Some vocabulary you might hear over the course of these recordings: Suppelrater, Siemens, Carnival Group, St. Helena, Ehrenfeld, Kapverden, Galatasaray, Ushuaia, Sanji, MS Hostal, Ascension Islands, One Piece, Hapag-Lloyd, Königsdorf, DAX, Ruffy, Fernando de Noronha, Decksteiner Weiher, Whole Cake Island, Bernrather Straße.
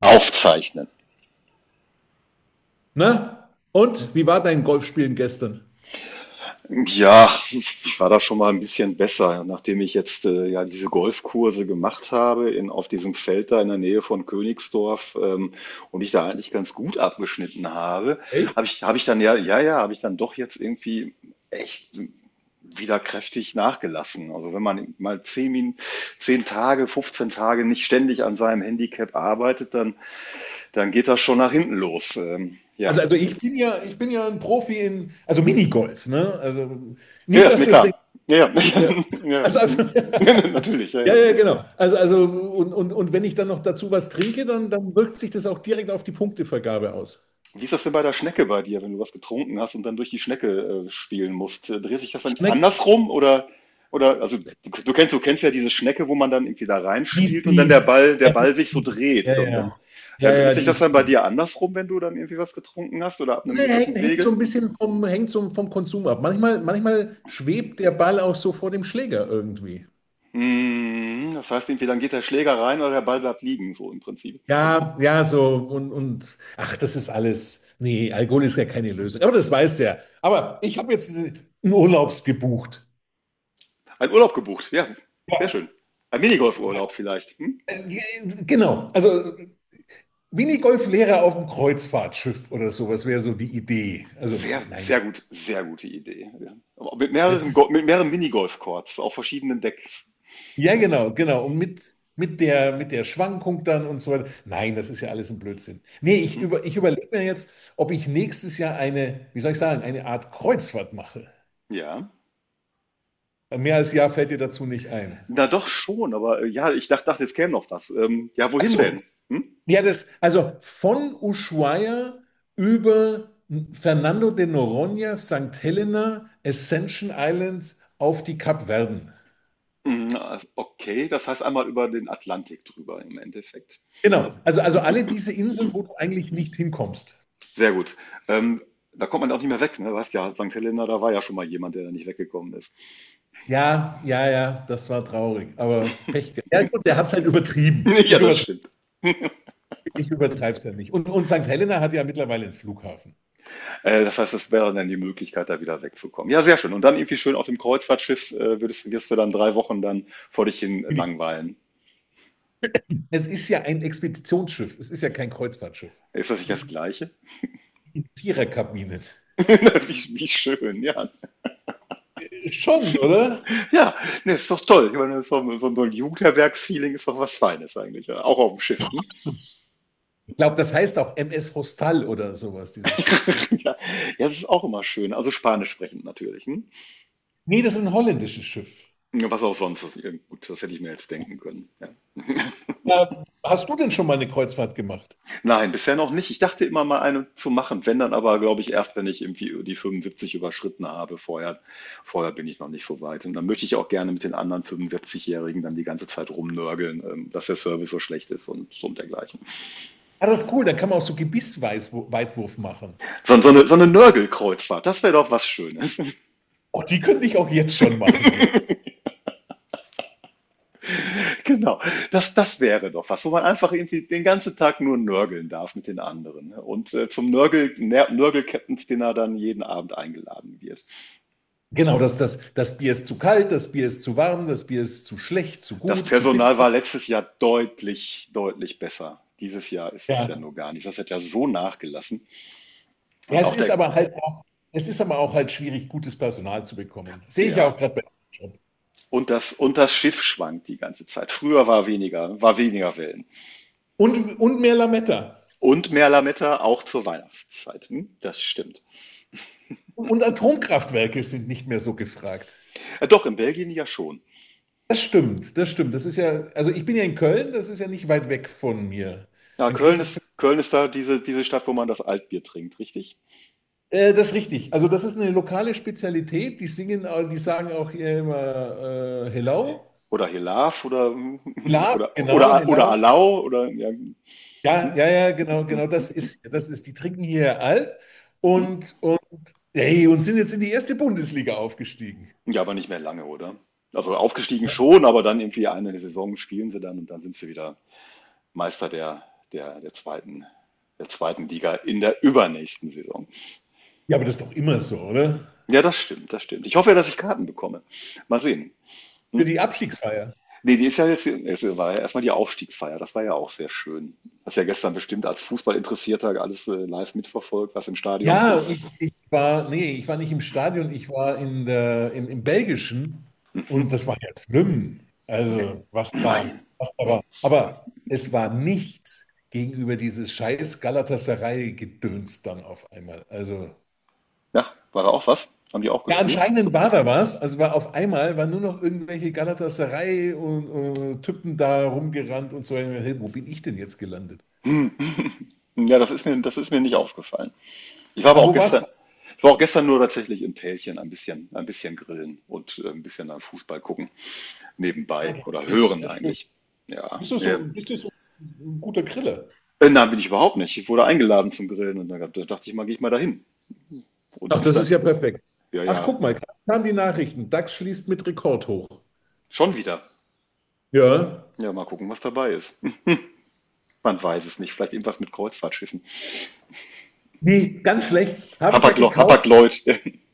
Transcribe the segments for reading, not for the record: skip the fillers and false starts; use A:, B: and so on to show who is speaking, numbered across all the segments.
A: Aufzeichnen?
B: Ne? Und wie war dein Golfspielen gestern?
A: Ja, ich war da schon mal ein bisschen besser, nachdem ich jetzt ja diese Golfkurse gemacht habe in, auf diesem Feld da in der Nähe von Königsdorf und ich da eigentlich ganz gut abgeschnitten habe, habe ich dann ja, ja, ja, habe ich dann doch jetzt irgendwie echt wieder kräftig nachgelassen. Also wenn man mal 10 Tage, 15 Tage nicht ständig an seinem Handicap arbeitet, dann geht das schon nach hinten los. Ja.
B: Also ich bin ja ein Profi in, also Minigolf, ne? Also
A: Ja, ja,
B: nicht,
A: ist
B: dass
A: mir
B: du jetzt denkst,
A: klar. Ja, ja.
B: ja.
A: Ja, ja.
B: Also, also,
A: Mhm. Natürlich, ja, ja.
B: ja, ja, genau. Also und wenn ich dann noch dazu was trinke, dann wirkt sich das auch direkt auf die Punktevergabe aus.
A: Wie ist das denn bei der Schnecke bei dir, wenn du was getrunken hast und dann durch die Schnecke spielen musst? Dreht sich das dann
B: Schmeckt.
A: andersrum oder also du kennst ja diese Schnecke, wo man dann irgendwie da reinspielt und
B: Die
A: dann der
B: ist,
A: Ball der
B: ja,
A: Ball sich so dreht
B: ja,
A: und dann,
B: ja. Ja,
A: dreht
B: ja,
A: sich
B: die
A: das
B: ist
A: dann bei
B: fies.
A: dir andersrum, wenn du dann irgendwie was getrunken hast oder ab einem
B: Nee,
A: gewissen
B: hängt so ein
A: Pegel?
B: bisschen vom, hängt so vom Konsum ab. Manchmal schwebt der Ball auch so vor dem Schläger irgendwie.
A: Mhm, das heißt irgendwie, dann geht der Schläger rein oder der Ball bleibt liegen, so im Prinzip.
B: Ja, ja, so und ach, das ist alles. Nee, Alkohol ist ja keine Lösung. Aber das weiß der. Aber ich habe jetzt einen Urlaubs gebucht.
A: Ein Urlaub gebucht, ja, sehr
B: Ja,
A: schön. Ein Minigolfurlaub vielleicht, hm?
B: genau. Also Minigolflehrer auf dem Kreuzfahrtschiff oder sowas wäre so die Idee. Also
A: Sehr,
B: nein,
A: sehr gut, sehr gute Idee. Ja. Aber mit
B: das
A: mehreren,
B: ist
A: Go- mit mehreren Minigolf-Courts auf verschiedenen Decks.
B: ja, genau, genau. Und mit der Schwankung dann und so weiter. Nein, das ist ja alles ein Blödsinn. Nee, ich
A: Hm?
B: über, ich überlege mir jetzt, ob ich nächstes Jahr eine, wie soll ich sagen, eine Art Kreuzfahrt mache.
A: Ja.
B: Mehr als Jahr fällt dir dazu nicht ein.
A: Na doch schon, aber ja, ich dachte, jetzt käme noch was. Ja,
B: Ach
A: wohin
B: so,
A: denn? Hm?
B: ja, das, also von Ushuaia über Fernando de Noronha, St. Helena, Ascension Islands auf die Kapverden.
A: Hm, okay, das heißt einmal über den Atlantik drüber im Endeffekt.
B: Genau, also alle diese Inseln, wo du eigentlich nicht hinkommst.
A: Sehr gut. Ähm, Da kommt man auch nicht mehr weg, ne? Du ja, St. Helena, da war ja schon mal jemand, der da nicht weggekommen ist.
B: Ja, ja, ja, das war traurig, aber Pech gehabt. Ja, gut, der hat es halt übertrieben.
A: Ja,
B: Ich
A: das
B: übertreibe,
A: stimmt.
B: ich übertreibe es ja nicht. Und St. Helena hat ja mittlerweile einen Flughafen.
A: Das heißt, das wäre dann die Möglichkeit, da wieder wegzukommen. Ja, sehr schön. Und dann irgendwie schön auf dem Kreuzfahrtschiff wirst du dann 3 Wochen dann vor dich hin langweilen.
B: Es ist ja ein Expeditionsschiff, es ist ja kein Kreuzfahrtschiff.
A: Ist das nicht das
B: Mit
A: Gleiche?
B: in Viererkabinen.
A: Wie schön, ja.
B: Schon, oder?
A: Ja, ne, ist doch toll. Ich meine, so, so, so ein Jugendherbergsfeeling ist doch was Feines eigentlich. Ja. Auch auf dem Schiff. Hm?
B: Glaube, das heißt auch MS Hostal oder sowas, dieses Schiff. Ja.
A: Ja, ja, das ist auch immer schön. Also Spanisch sprechend natürlich. Hm?
B: Nee, das ist ein holländisches Schiff.
A: Was auch sonst. Das, gut, das hätte ich mir jetzt denken können. Ja.
B: Ja, hast du denn schon mal eine Kreuzfahrt gemacht?
A: Nein, bisher noch nicht. Ich dachte immer mal eine zu machen, wenn dann aber, glaube ich, erst, wenn ich irgendwie die 75 überschritten habe. Vorher bin ich noch nicht so weit. Und dann möchte ich auch gerne mit den anderen 75-Jährigen dann die ganze Zeit rumnörgeln, dass der Service so schlecht ist und, so und dergleichen.
B: Ah, das ist cool, dann kann man auch so Gebissweitwurf machen.
A: So, so eine Nörgelkreuzfahrt, das wäre doch was Schönes.
B: Oh, die könnte ich auch jetzt schon machen, glaube
A: Genau, das wäre doch was, wo man einfach irgendwie den ganzen Tag nur nörgeln darf mit den anderen, ne? Und zum Nörgel-Captain's Dinner dann jeden Abend eingeladen wird.
B: ich. Genau, das Bier ist zu kalt, das Bier ist zu warm, das Bier ist zu schlecht, zu
A: Das
B: gut, zu bitter.
A: Personal war letztes Jahr deutlich, deutlich besser. Dieses Jahr ist das ja
B: Ja.
A: nur gar nicht. Das hat ja so nachgelassen.
B: Ja,
A: Und auch der,
B: es ist aber auch halt schwierig, gutes Personal zu bekommen. Sehe ich ja auch
A: ja,
B: gerade bei.
A: und das Schiff schwankt die ganze Zeit. Früher war weniger Wellen.
B: Und mehr Lametta.
A: Und mehr Lametta auch zur Weihnachtszeit. Hm? Das stimmt.
B: Und Atomkraftwerke sind nicht mehr so gefragt.
A: Doch, in Belgien ja schon.
B: Das stimmt, das stimmt. Das ist ja, also ich bin ja in Köln, das ist ja nicht weit weg von mir.
A: Ja,
B: Dann
A: Köln
B: kriege ich.
A: ist, Köln ist da diese Stadt, wo man das Altbier trinkt, richtig?
B: Das ist richtig. Also das ist eine lokale Spezialität. Die sagen auch hier immer Hello.
A: Oder Hilaf oder,
B: Love,
A: oder,
B: genau,
A: oder, oder
B: Hello.
A: Alau oder, ja, hm,
B: Ja,
A: hm,
B: ja, ja, genau,
A: hm,
B: genau.
A: hm, hm.
B: Die trinken hier alt
A: hm.
B: und hey, und sind jetzt in die erste Bundesliga aufgestiegen.
A: Ja, aber nicht mehr lange, oder? Also aufgestiegen schon, aber dann irgendwie eine Saison spielen sie dann und dann sind sie wieder Meister der, der zweiten, der zweiten Liga in der übernächsten Saison.
B: Ja, aber das ist doch immer so, oder?
A: Ja, das stimmt, das stimmt. Ich hoffe ja, dass ich Karten bekomme. Mal sehen.
B: Für
A: Hm?
B: die Abstiegsfeier.
A: Nee, die ist ja jetzt, es war ja erstmal die Aufstiegsfeier, das war ja auch sehr schön. Hast ja gestern bestimmt als Fußballinteressierter alles live mitverfolgt, was im Stadion.
B: Ja, nee, ich war nicht im Stadion, ich war im Belgischen und das war ja schlimm. Also, was da,
A: Nein.
B: was da war. Aber es war nichts gegenüber dieses scheiß Galatasaray-Gedöns dann auf einmal. Also,
A: Ja, war da auch was? Haben die auch
B: ja,
A: gespielt?
B: anscheinend war da was. Also war auf einmal, waren nur noch irgendwelche Galatasaray und Typen da rumgerannt und so. Hey, wo bin ich denn jetzt gelandet?
A: Hm. Ja, das ist mir nicht aufgefallen. Ich war aber
B: Ah,
A: auch
B: wo warst
A: gestern,
B: du?
A: ich war auch gestern nur tatsächlich im Tälchen ein bisschen grillen und ein bisschen dann Fußball gucken,
B: Ah,
A: nebenbei
B: ja,
A: oder hören
B: ja, schön.
A: eigentlich. Ja,
B: Bist du
A: nee.
B: so, bist du so ein guter Griller?
A: Nein, bin ich überhaupt nicht. Ich wurde eingeladen zum Grillen und dann, da dachte ich mal, gehe ich mal dahin. Und
B: Ach,
A: ist
B: das
A: dann,
B: ist ja perfekt.
A: ja,
B: Ach,
A: ja,
B: guck mal, gerade kamen die Nachrichten. DAX schließt mit Rekord hoch.
A: schon wieder.
B: Ja.
A: Ja, mal gucken, was dabei ist. Hm, man weiß es nicht. Vielleicht irgendwas mit Kreuzfahrtschiffen.
B: Nee, ganz schlecht. Habe ich ja
A: Hapag-Lo-
B: gekauft.
A: Hapag-Lloyd.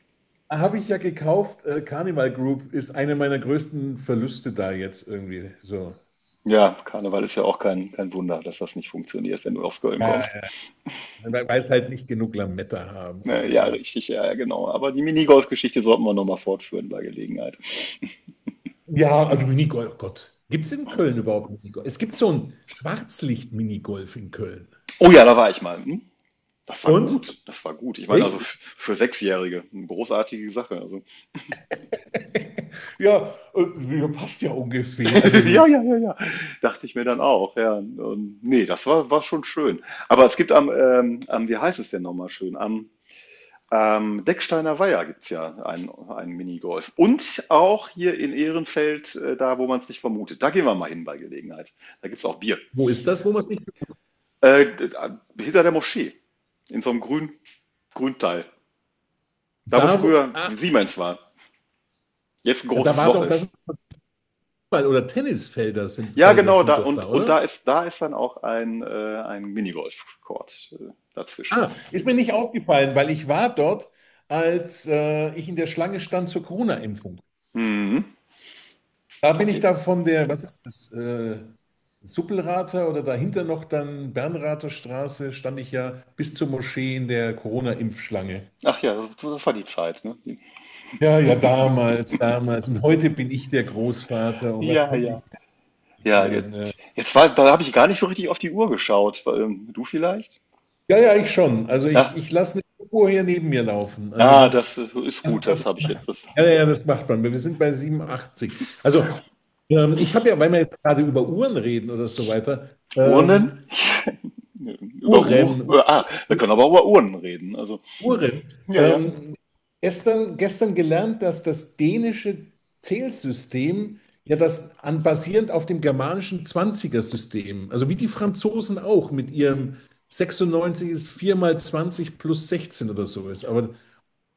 B: Habe ich ja gekauft. Carnival Group ist eine meiner größten Verluste da jetzt irgendwie. So.
A: Ja, Karneval ist ja auch kein Wunder, dass das nicht funktioniert, wenn du aus Köln
B: Ja,
A: kommst.
B: ja. Weil es halt nicht genug Lametta haben oder
A: Ja,
B: sowas.
A: richtig, ja, ja, genau. Aber die Minigolf-Geschichte sollten wir nochmal fortführen bei Gelegenheit.
B: Ja, also Minigolf, oh Gott. Gibt es in Köln überhaupt Minigolf? Es gibt so ein Schwarzlicht-Minigolf in Köln.
A: Oh ja, da war ich mal. Hm? Das war
B: Und?
A: gut, das war gut. Ich meine, also
B: Echt?
A: für 6-Jährige, eine großartige Sache. Also,
B: Ja, ja, passt ja ungefähr. Also so.
A: ja, ja, ja, ja, dachte ich mir dann auch. Ja, und, nee, das war schon schön. Aber es gibt am, am, wie heißt es denn nochmal schön? Am Decksteiner Weiher gibt es ja einen Minigolf. Und auch hier in Ehrenfeld, da wo man es nicht vermutet. Da gehen wir mal hin bei Gelegenheit. Da gibt es auch Bier.
B: Wo ist das, wo man es nicht.
A: Äh, d- Hinter der Moschee, in so einem grünen Grünteil. Da, wo
B: Da, wo,
A: früher
B: ah,
A: Siemens war, jetzt ein
B: da
A: großes
B: war
A: Loch
B: doch das
A: ist.
B: Fußball- oder Tennisfelder sind,
A: Ja,
B: Felder
A: genau, da
B: sind doch da,
A: und
B: oder?
A: da ist dann auch ein Minigolf-Court dazwischen.
B: Ah, ist mir nicht aufgefallen, weil ich war dort, als ich in der Schlange stand zur Corona-Impfung.
A: Mhm,
B: Da bin ich
A: okay.
B: da von der, was ist das, Suppelrater oder dahinter noch dann Bernrather Straße, stand ich ja bis zur Moschee in der Corona-Impfschlange.
A: Ach ja, das war die Zeit, ne?
B: Ja, ja, damals, damals. Und heute bin ich der Großvater und was
A: Ja,
B: könnte
A: ja.
B: ich
A: Ja,
B: erklären?
A: jetzt war, da habe ich gar nicht so richtig auf die Uhr geschaut. Du vielleicht?
B: Ja, ja, ich schon. Also ich,
A: Ja,
B: ich lasse eine Uhr hier neben mir laufen. Also
A: ja, das ist
B: das,
A: gut, das
B: das,
A: habe ich jetzt. Das,
B: ja, ja, das macht man. Wir sind bei 87. Also ich habe ja, weil wir jetzt gerade über Uhren reden oder so weiter,
A: Urnen?
B: ähm,
A: Über Uhr?
B: Uhren, Uhren.
A: Wir können aber über Urnen reden. Also,
B: Uhren.
A: ja, ja.
B: Ähm, gestern gelernt, dass das dänische Zählsystem basierend auf dem germanischen 20 system, also wie die Franzosen auch mit ihrem 96 ist 4 mal 20 plus 16 oder so ist. Aber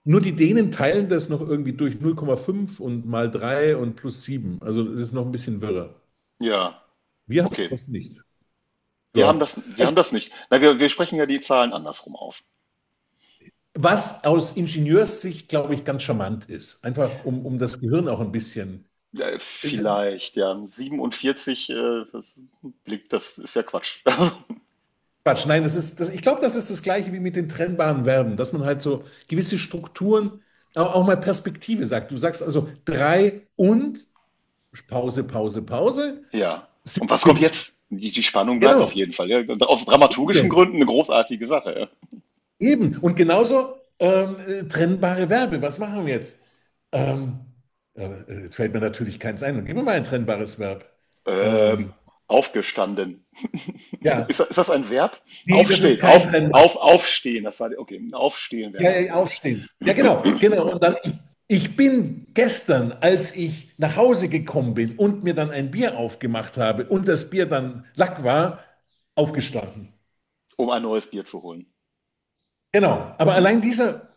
B: nur die Dänen teilen das noch irgendwie durch 0,5 und mal 3 und plus sieben. Also das ist noch ein bisschen wirrer.
A: Ja,
B: Wir haben
A: okay.
B: das nicht. Ja.
A: Wir
B: Also
A: haben das nicht. Na, wir sprechen ja die Zahlen andersrum aus.
B: was aus Ingenieurssicht, glaube ich, ganz charmant ist. Einfach um das Gehirn auch ein bisschen. Das ist
A: Vielleicht, ja. 47, das blickt, das ist ja Quatsch. Also,
B: Quatsch, nein, ich glaube, das ist das Gleiche wie mit den trennbaren Verben, dass man halt so gewisse Strukturen auch mal Perspektive sagt. Du sagst also drei und Pause, Pause, Pause,
A: ja.
B: sind.
A: Und was kommt jetzt? Die Spannung bleibt auf
B: Genau,
A: jeden Fall. Ja. Und aus dramaturgischen
B: eben,
A: Gründen eine großartige Sache.
B: eben. Und genauso trennbare Verben. Was machen wir jetzt? Ähm, jetzt fällt mir natürlich keins ein. Dann gib mir mal ein trennbares Verb.
A: Ja. Ähm,
B: Ähm,
A: Aufgestanden. Ist,
B: ja,
A: das- ist das ein Verb?
B: nee, das ist
A: Aufstehen,
B: kein trennbares.
A: aufstehen. Das war, okay, aufstehen
B: Ja,
A: wäre
B: ja,
A: ein
B: ja,
A: Verb,
B: aufstehen. Ja, genau, genau. Und dann, ich bin gestern, als ich nach Hause gekommen bin und mir dann ein Bier aufgemacht habe und das Bier dann Lack war, aufgestanden.
A: um ein neues Bier zu holen.
B: Genau. Aber
A: Mhm.
B: allein dieser,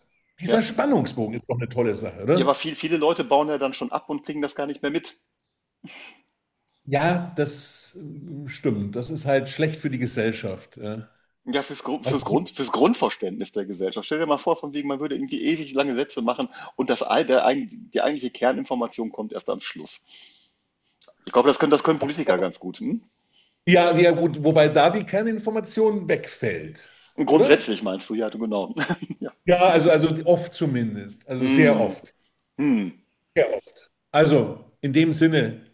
A: Ja.
B: dieser Spannungsbogen ist doch eine tolle Sache,
A: Ja, aber
B: oder?
A: viele Leute bauen ja dann schon ab und kriegen das gar nicht mehr mit.
B: Ja, das stimmt. Das ist halt schlecht für die Gesellschaft. Ja,
A: Ja, fürs, Grund,
B: also,
A: fürs, Grund, fürs Grundverständnis der Gesellschaft. Stell dir mal vor, von wegen, man würde irgendwie ewig lange Sätze machen und das, ei- der, eig- die eigentliche Kerninformation kommt erst am Schluss. Ich glaube, das können Politiker ganz gut. Hm?
B: ja, ja, gut, wobei da die Kerninformation wegfällt,
A: Und
B: oder?
A: grundsätzlich meinst du, ja, du genau. Ja.
B: Ja, also oft zumindest. Also sehr
A: Hm,
B: oft.
A: hm,
B: Sehr oft. Also, in dem Sinne.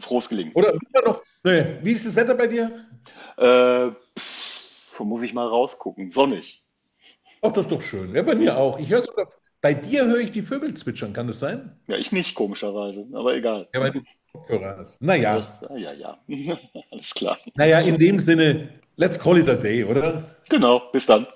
A: frohes Gelingen.
B: Oder immer noch, nee, wie ist das Wetter bei dir?
A: Äh, Wo muss ich mal rausgucken. Sonnig.
B: Ach, das ist doch schön. Ja, bei mir
A: Hm.
B: auch. Ich höre sogar, bei dir höre ich die Vögel zwitschern, kann das sein?
A: Ja, ich nicht, komischerweise, aber egal. Hm?
B: Kopfhörer hast.
A: Ja, das,
B: Naja.
A: ja, ja, ja. Alles klar.
B: Naja, in dem Sinne, let's call it a day, oder?
A: Genau, bis dann.